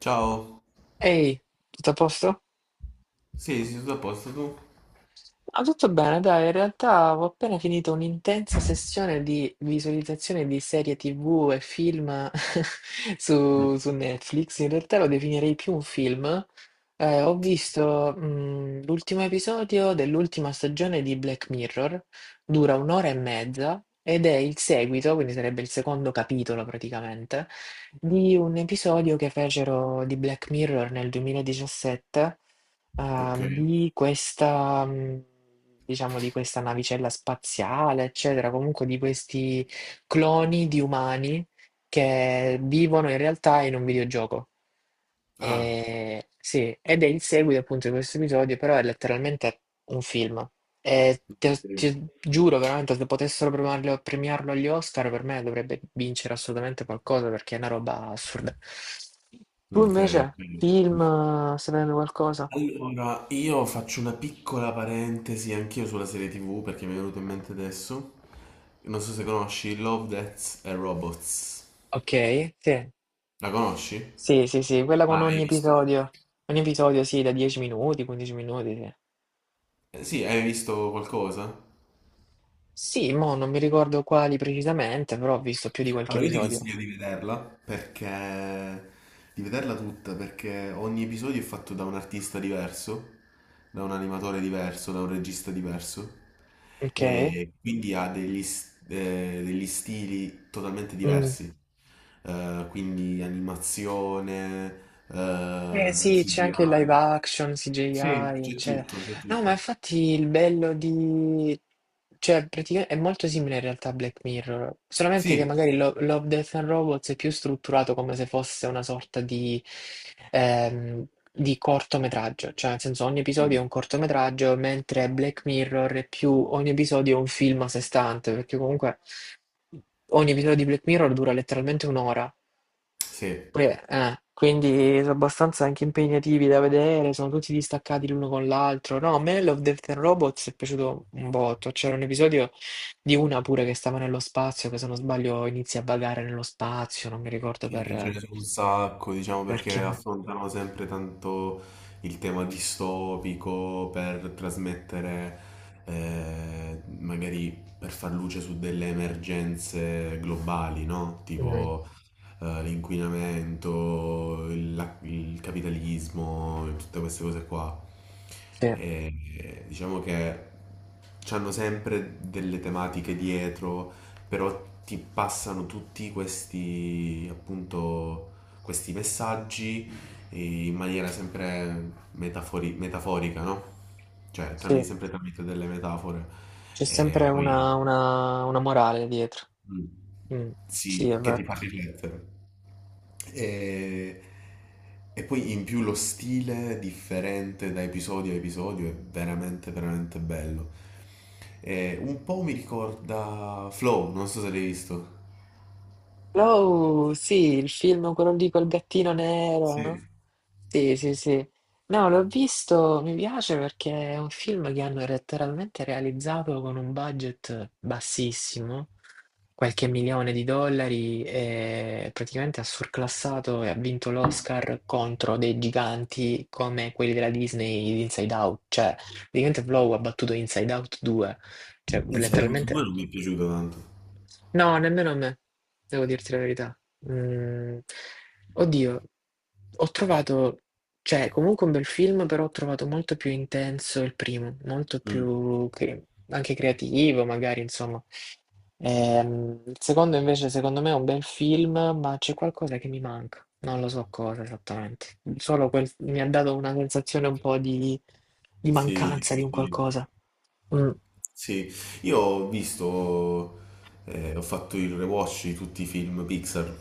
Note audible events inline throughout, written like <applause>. Ciao. Ehi, tutto a posto? Sì, sì, tutto a posto tu? Tutto bene, dai, in realtà ho appena finito un'intensa sessione di visualizzazione di serie TV e film <laughs> Mm. su Netflix. In realtà lo definirei più un film. Ho visto, l'ultimo episodio dell'ultima stagione di Black Mirror, dura un'ora e mezza ed è il seguito, quindi sarebbe il secondo capitolo praticamente, di un episodio che fecero di Black Mirror nel 2017. Ah, Ok. di questa, mhmm, diciamo di questa navicella spaziale, eccetera, comunque di questi cloni di umani che vivono in realtà in un videogioco. Ah, Sì, ed è il seguito appunto di questo episodio, però è letteralmente un film. E te sì. ti giuro veramente se potessero premiarlo agli Oscar per me dovrebbe vincere assolutamente qualcosa perché è una roba assurda. Tu Ok. invece, Ok. film, stai vedendo qualcosa? Allora, io faccio una piccola parentesi anch'io sulla serie TV perché mi è venuto in mente adesso. Non so se conosci Love, Death and Robots. Okay, sì. La conosci? Sì, sì, sì, quella Ma con ogni hai visto? episodio. Ogni episodio sì, da 10 minuti, 15 minuti, sì. Sì, hai visto qualcosa? Sì, mo' non mi ricordo quali precisamente, però ho visto più di qualche Allora, io ti episodio. consiglio di vederla perché di vederla tutta, perché ogni episodio è fatto da un artista diverso, da un animatore diverso, da un regista diverso, Okay. e quindi ha degli, degli stili totalmente Mh. diversi. Quindi animazione, Eh sì, c'è anche il live CGI. action, Sì, CGI, c'è eccetera. tutto, c'è No, ma tutto. infatti il bello di... Cioè, praticamente è molto simile in realtà a Black Mirror, solamente che Sì. magari Love, Death and Robots è più strutturato come se fosse una sorta ehm, di cortometraggio, cioè nel senso ogni episodio è un Mm. cortometraggio, mentre Black Mirror è più ogni episodio è un film a sé stante, perché comunque ogni episodio di Black Mirror dura letteralmente un'ora. Sì. Quindi sono abbastanza anche impegnativi da vedere, sono tutti distaccati l'uno con l'altro. No, a me Love, Death and Robots è piaciuto un botto. C'era un episodio di una pure che stava nello spazio, che se non sbaglio inizia a vagare nello spazio, non mi ricordo Sì, ce ne sono un sacco, diciamo, per perché chiamare. affrontano sempre tanto il tema distopico per trasmettere, magari per far luce su delle emergenze globali, no? Mm, Tipo l'inquinamento, il capitalismo, tutte queste cose qua. sì, E, diciamo che hanno sempre delle tematiche dietro, però ti passano tutti questi, appunto, questi messaggi in maniera sempre metaforica, no? Cioè, tramite, sì, sempre tramite delle metafore. c'è E sempre poi. una, una morale dietro. Mh. Mm, sì, è Sì, che ti vero. fa riflettere. E e poi in più lo stile differente da episodio a episodio è veramente, veramente bello. E un po' mi ricorda Flow, non so se l'hai visto. Oh, sì, il film, quello lì col gattino nero, no? Sì. Sì, sì, sì. No, l'ho visto, mi piace perché è un film che hanno letteralmente realizzato con un budget bassissimo, qualche milione di dollari, e praticamente ha surclassato e ha vinto l'Oscar contro dei giganti come quelli della Disney di Inside Out. Cioè, praticamente Flow ha battuto Inside Out 2. Cioè, Insomma, tutti e due letteralmente. non mi è piaciuto tanto. No, nemmeno a me, devo dirti la verità. Mm, Oddio, ho trovato, cioè, comunque un bel film, però ho trovato molto più intenso il primo, molto Mh. più anche creativo, magari, insomma. Il secondo invece, secondo me, è un bel film, ma c'è qualcosa che mi manca. Non lo so cosa esattamente. Solo quel, mi ha dato una sensazione un po' di Sì, mancanza sì, di un sì. qualcosa. Mm. Sì, io ho visto, ho fatto il rewatch di tutti i film Pixar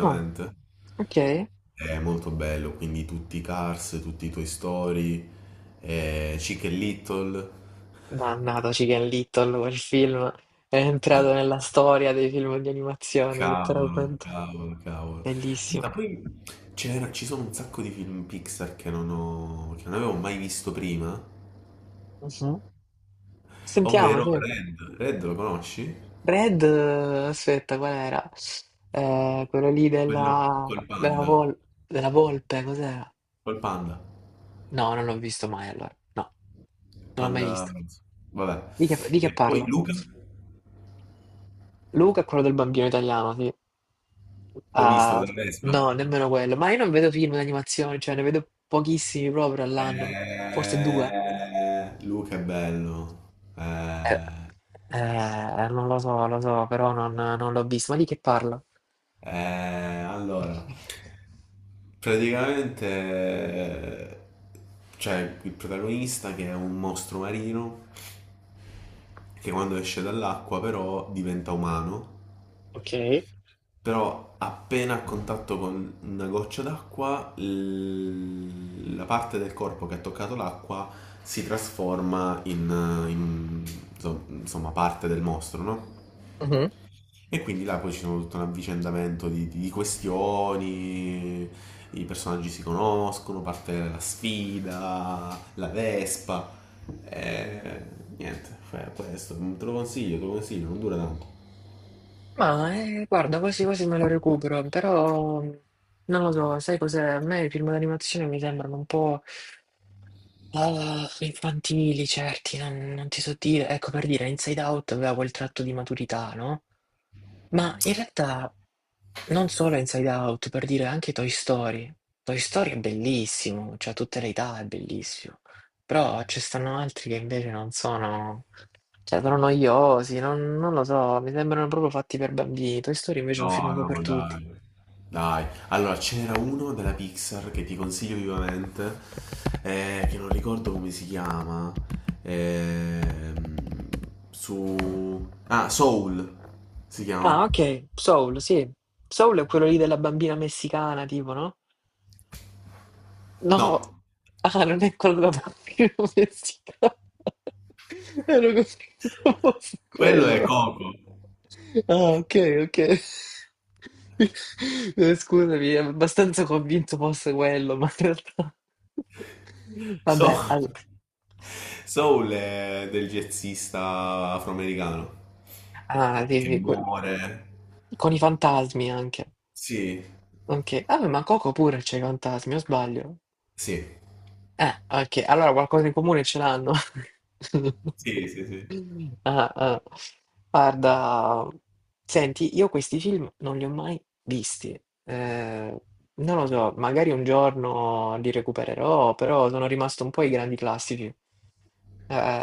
Ah, ok. È molto bello, quindi tutti i Cars, tutti i Toy Story, Chic e Little. Mannata Chicken Little, quel film è entrato nella storia dei film di animazione, Cavolo, letteralmente. cavolo, cavolo. Bellissimo. Senta, poi ci sono un sacco di film Pixar che non ho, che non avevo mai visto prima, Mhm. Sentiamo, ovvero sì. Red. Red lo conosci? Red, aspetta, qual era? Quello lì Quello della, col panda. Della volpe, cos'era? Col panda. No, non l'ho visto mai allora. No, non l'ho mai Panda visto. rosso. Vabbè. Di che E poi parla? Luca? Luca è quello del bambino italiano, sì. L'hai visto Ah, con la Vespa? no, nemmeno quello. Ma io non vedo film d'animazione, cioè ne vedo pochissimi proprio all'anno, forse due. Eh, Luca è bello. Eh, Non lo so, lo so, però non, non l'ho visto. Ma di che parla? Allora, praticamente c'è il protagonista che è un mostro marino che quando esce dall'acqua però diventa umano, Ok. però appena a contatto con una goccia d'acqua, la parte del corpo che ha toccato l'acqua si trasforma in, insomma, parte del mostro, no? Mhm. E quindi là poi ci sono tutto un avvicendamento di, di questioni, i personaggi si conoscono, parte la sfida, la Vespa, e niente, fai questo, te lo consiglio, non dura tanto. Ma guarda, quasi quasi me lo recupero, però non lo so, sai cos'è? A me i film d'animazione mi sembrano un po'. Ah, infantili, certi, non, non ti so dire. Ecco, per dire, Inside Out aveva quel tratto di maturità, no? Ma in realtà non solo Inside Out, per dire anche Toy Story. Toy Story è bellissimo, cioè a tutte le età è bellissimo. Però ci stanno altri che invece non sono, cioè sono noiosi, non, non lo so, mi sembrano proprio fatti per bambini. Toy Story invece è un film No, un po' per no, tutti. dai. Dai, allora ce n'era uno della Pixar che ti consiglio vivamente, che non ricordo come si chiama, ehm, su... Ah, Soul si Ah, chiama. ok, Soul, sì. Soul è quello lì della bambina messicana, tipo, no? No, No, ah, non è quello da bambino <laughs> messicano. Ero convinto fosse quello è quello. Coco. Ah, ok, ok. Scusami, ero abbastanza convinto fosse quello, ma in realtà... Soul, Vabbè, Soul è del jazzista afroamericano ah, che di- que- muore. con i fantasmi anche. Sì, Ok. Ah, ma Coco pure c'è i fantasmi, o sbaglio? sì, Ok, allora qualcosa in comune ce l'hanno. <laughs> sì, sì, sì. Ah, ah. Guarda, senti, io questi film non li ho mai visti. Eh, Non lo so, magari un giorno li recupererò, però sono rimasto un po' ai grandi classici.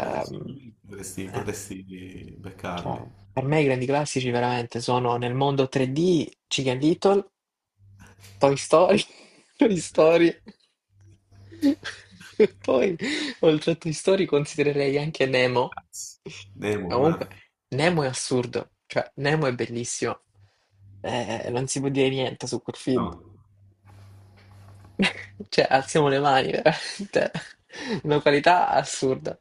Ah, sì, lui potresti, eh, potresti cioè, beccarli. per me i grandi classici veramente sono Nel mondo 3D, Chicken Little, Toy Story, <laughs> Toy Story. <laughs> E poi, oltre a Toy Story, considererei anche Nemo. Ma Nemo, ma comunque, Nemo è assurdo, cioè Nemo è bellissimo. Non si può dire niente su quel film. no. <laughs> Cioè, alziamo le mani, veramente. Una qualità assurda.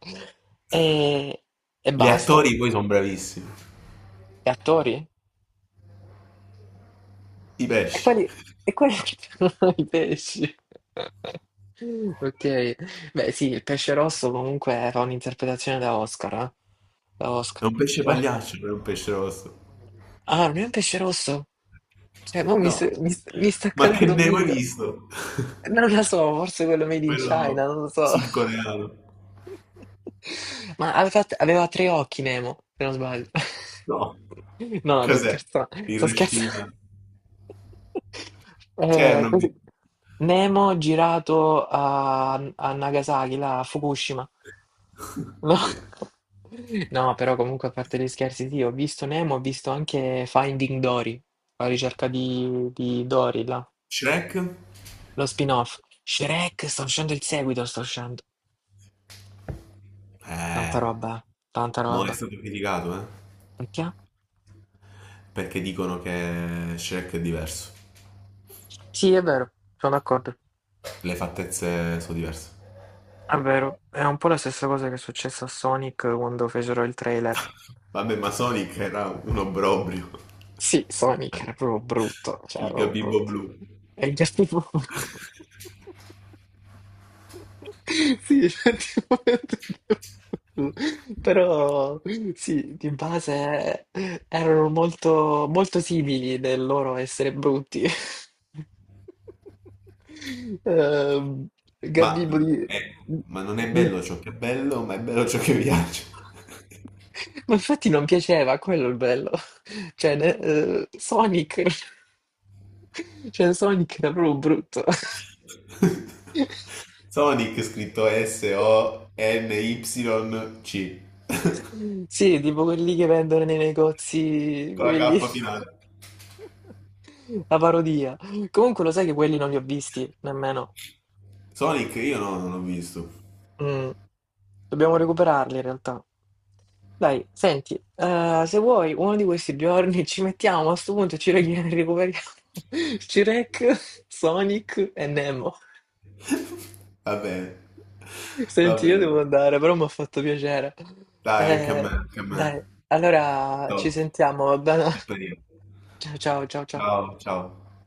E, e Gli basta. attori poi sono bravissimi. E attori? I E pesci. quali, e quali <laughs> sono i pesci? <laughs> Ok, beh sì, il pesce rosso comunque era un'interpretazione da Oscar, eh? Da È Oscar. un pesce Ah, pagliaccio, non è un pesce rosso. ah, non è un pesce rosso? Cioè, mo mi, No. s- mi s- mi sta Ma che cadendo un Nemo hai dito. visto? <laughs> Non lo so, forse quello made in China, Quello non lo so. sudcoreano. <laughs> Ma aveva tre occhi Nemo, se non sbaglio. <laughs> No. No, sto Cos'è? scherzando, sto scherzando. Hiroshima. <laughs> Chernobyl. così. Nemo girato a Nagasaki, là, a Fukushima. No. <laughs> Sì. No, però comunque a parte gli scherzi, sì, ho visto Nemo, ho visto anche Finding Dory, la ricerca di Dory, là. Shrek? Lo spin-off. Shrek, sta uscendo il seguito, sta uscendo. Tanta Eh, roba, tanta mo è roba. stato criticato, eh? Perché? Perché dicono che Shrek è diverso. Sì, è vero, sono d'accordo. Le fattezze sono diverse. È vero, è un po' la stessa cosa che è successa a Sonic quando fecero il trailer. Vabbè, ma Sonic era un obbrobrio. Sì, Sonic era proprio brutto, cioè, Il proprio gabibbo brutto. blu. E gli altri proprio... <laughs> Sì, effettivamente. Però sì, di base erano molto, molto simili nel loro essere brutti. Ehm, Ma, Gabibbo eh, ma non è di- bello ciò che è bello, ma è bello ciò che piace. ma infatti non piaceva, quello è il bello. Sonic... Cioè, Sonic era proprio brutto. <laughs> Sonic scritto S-O-N-Y-C. Sì, tipo quelli che vendono nei negozi, Con la quelli, K finale. <laughs> la parodia. Comunque lo sai che quelli non li ho visti nemmeno. Sonic io no, non l'ho visto. Mm. Dobbiamo recuperarli in realtà. Dai, senti, se vuoi, uno di questi giorni ci mettiamo a sto punto e ci <laughs> recuperiamo <laughs> Shrek, Sonic e Nemo. Va bene, va Senti, io devo bene. andare, però mi ha fatto piacere. Dai, anche a me, anche a Dai, me. allora ci Top. sentiamo, va bene? Che <laughs> periodo. Ciao, ciao, ciao, ciao. Ciao, ciao.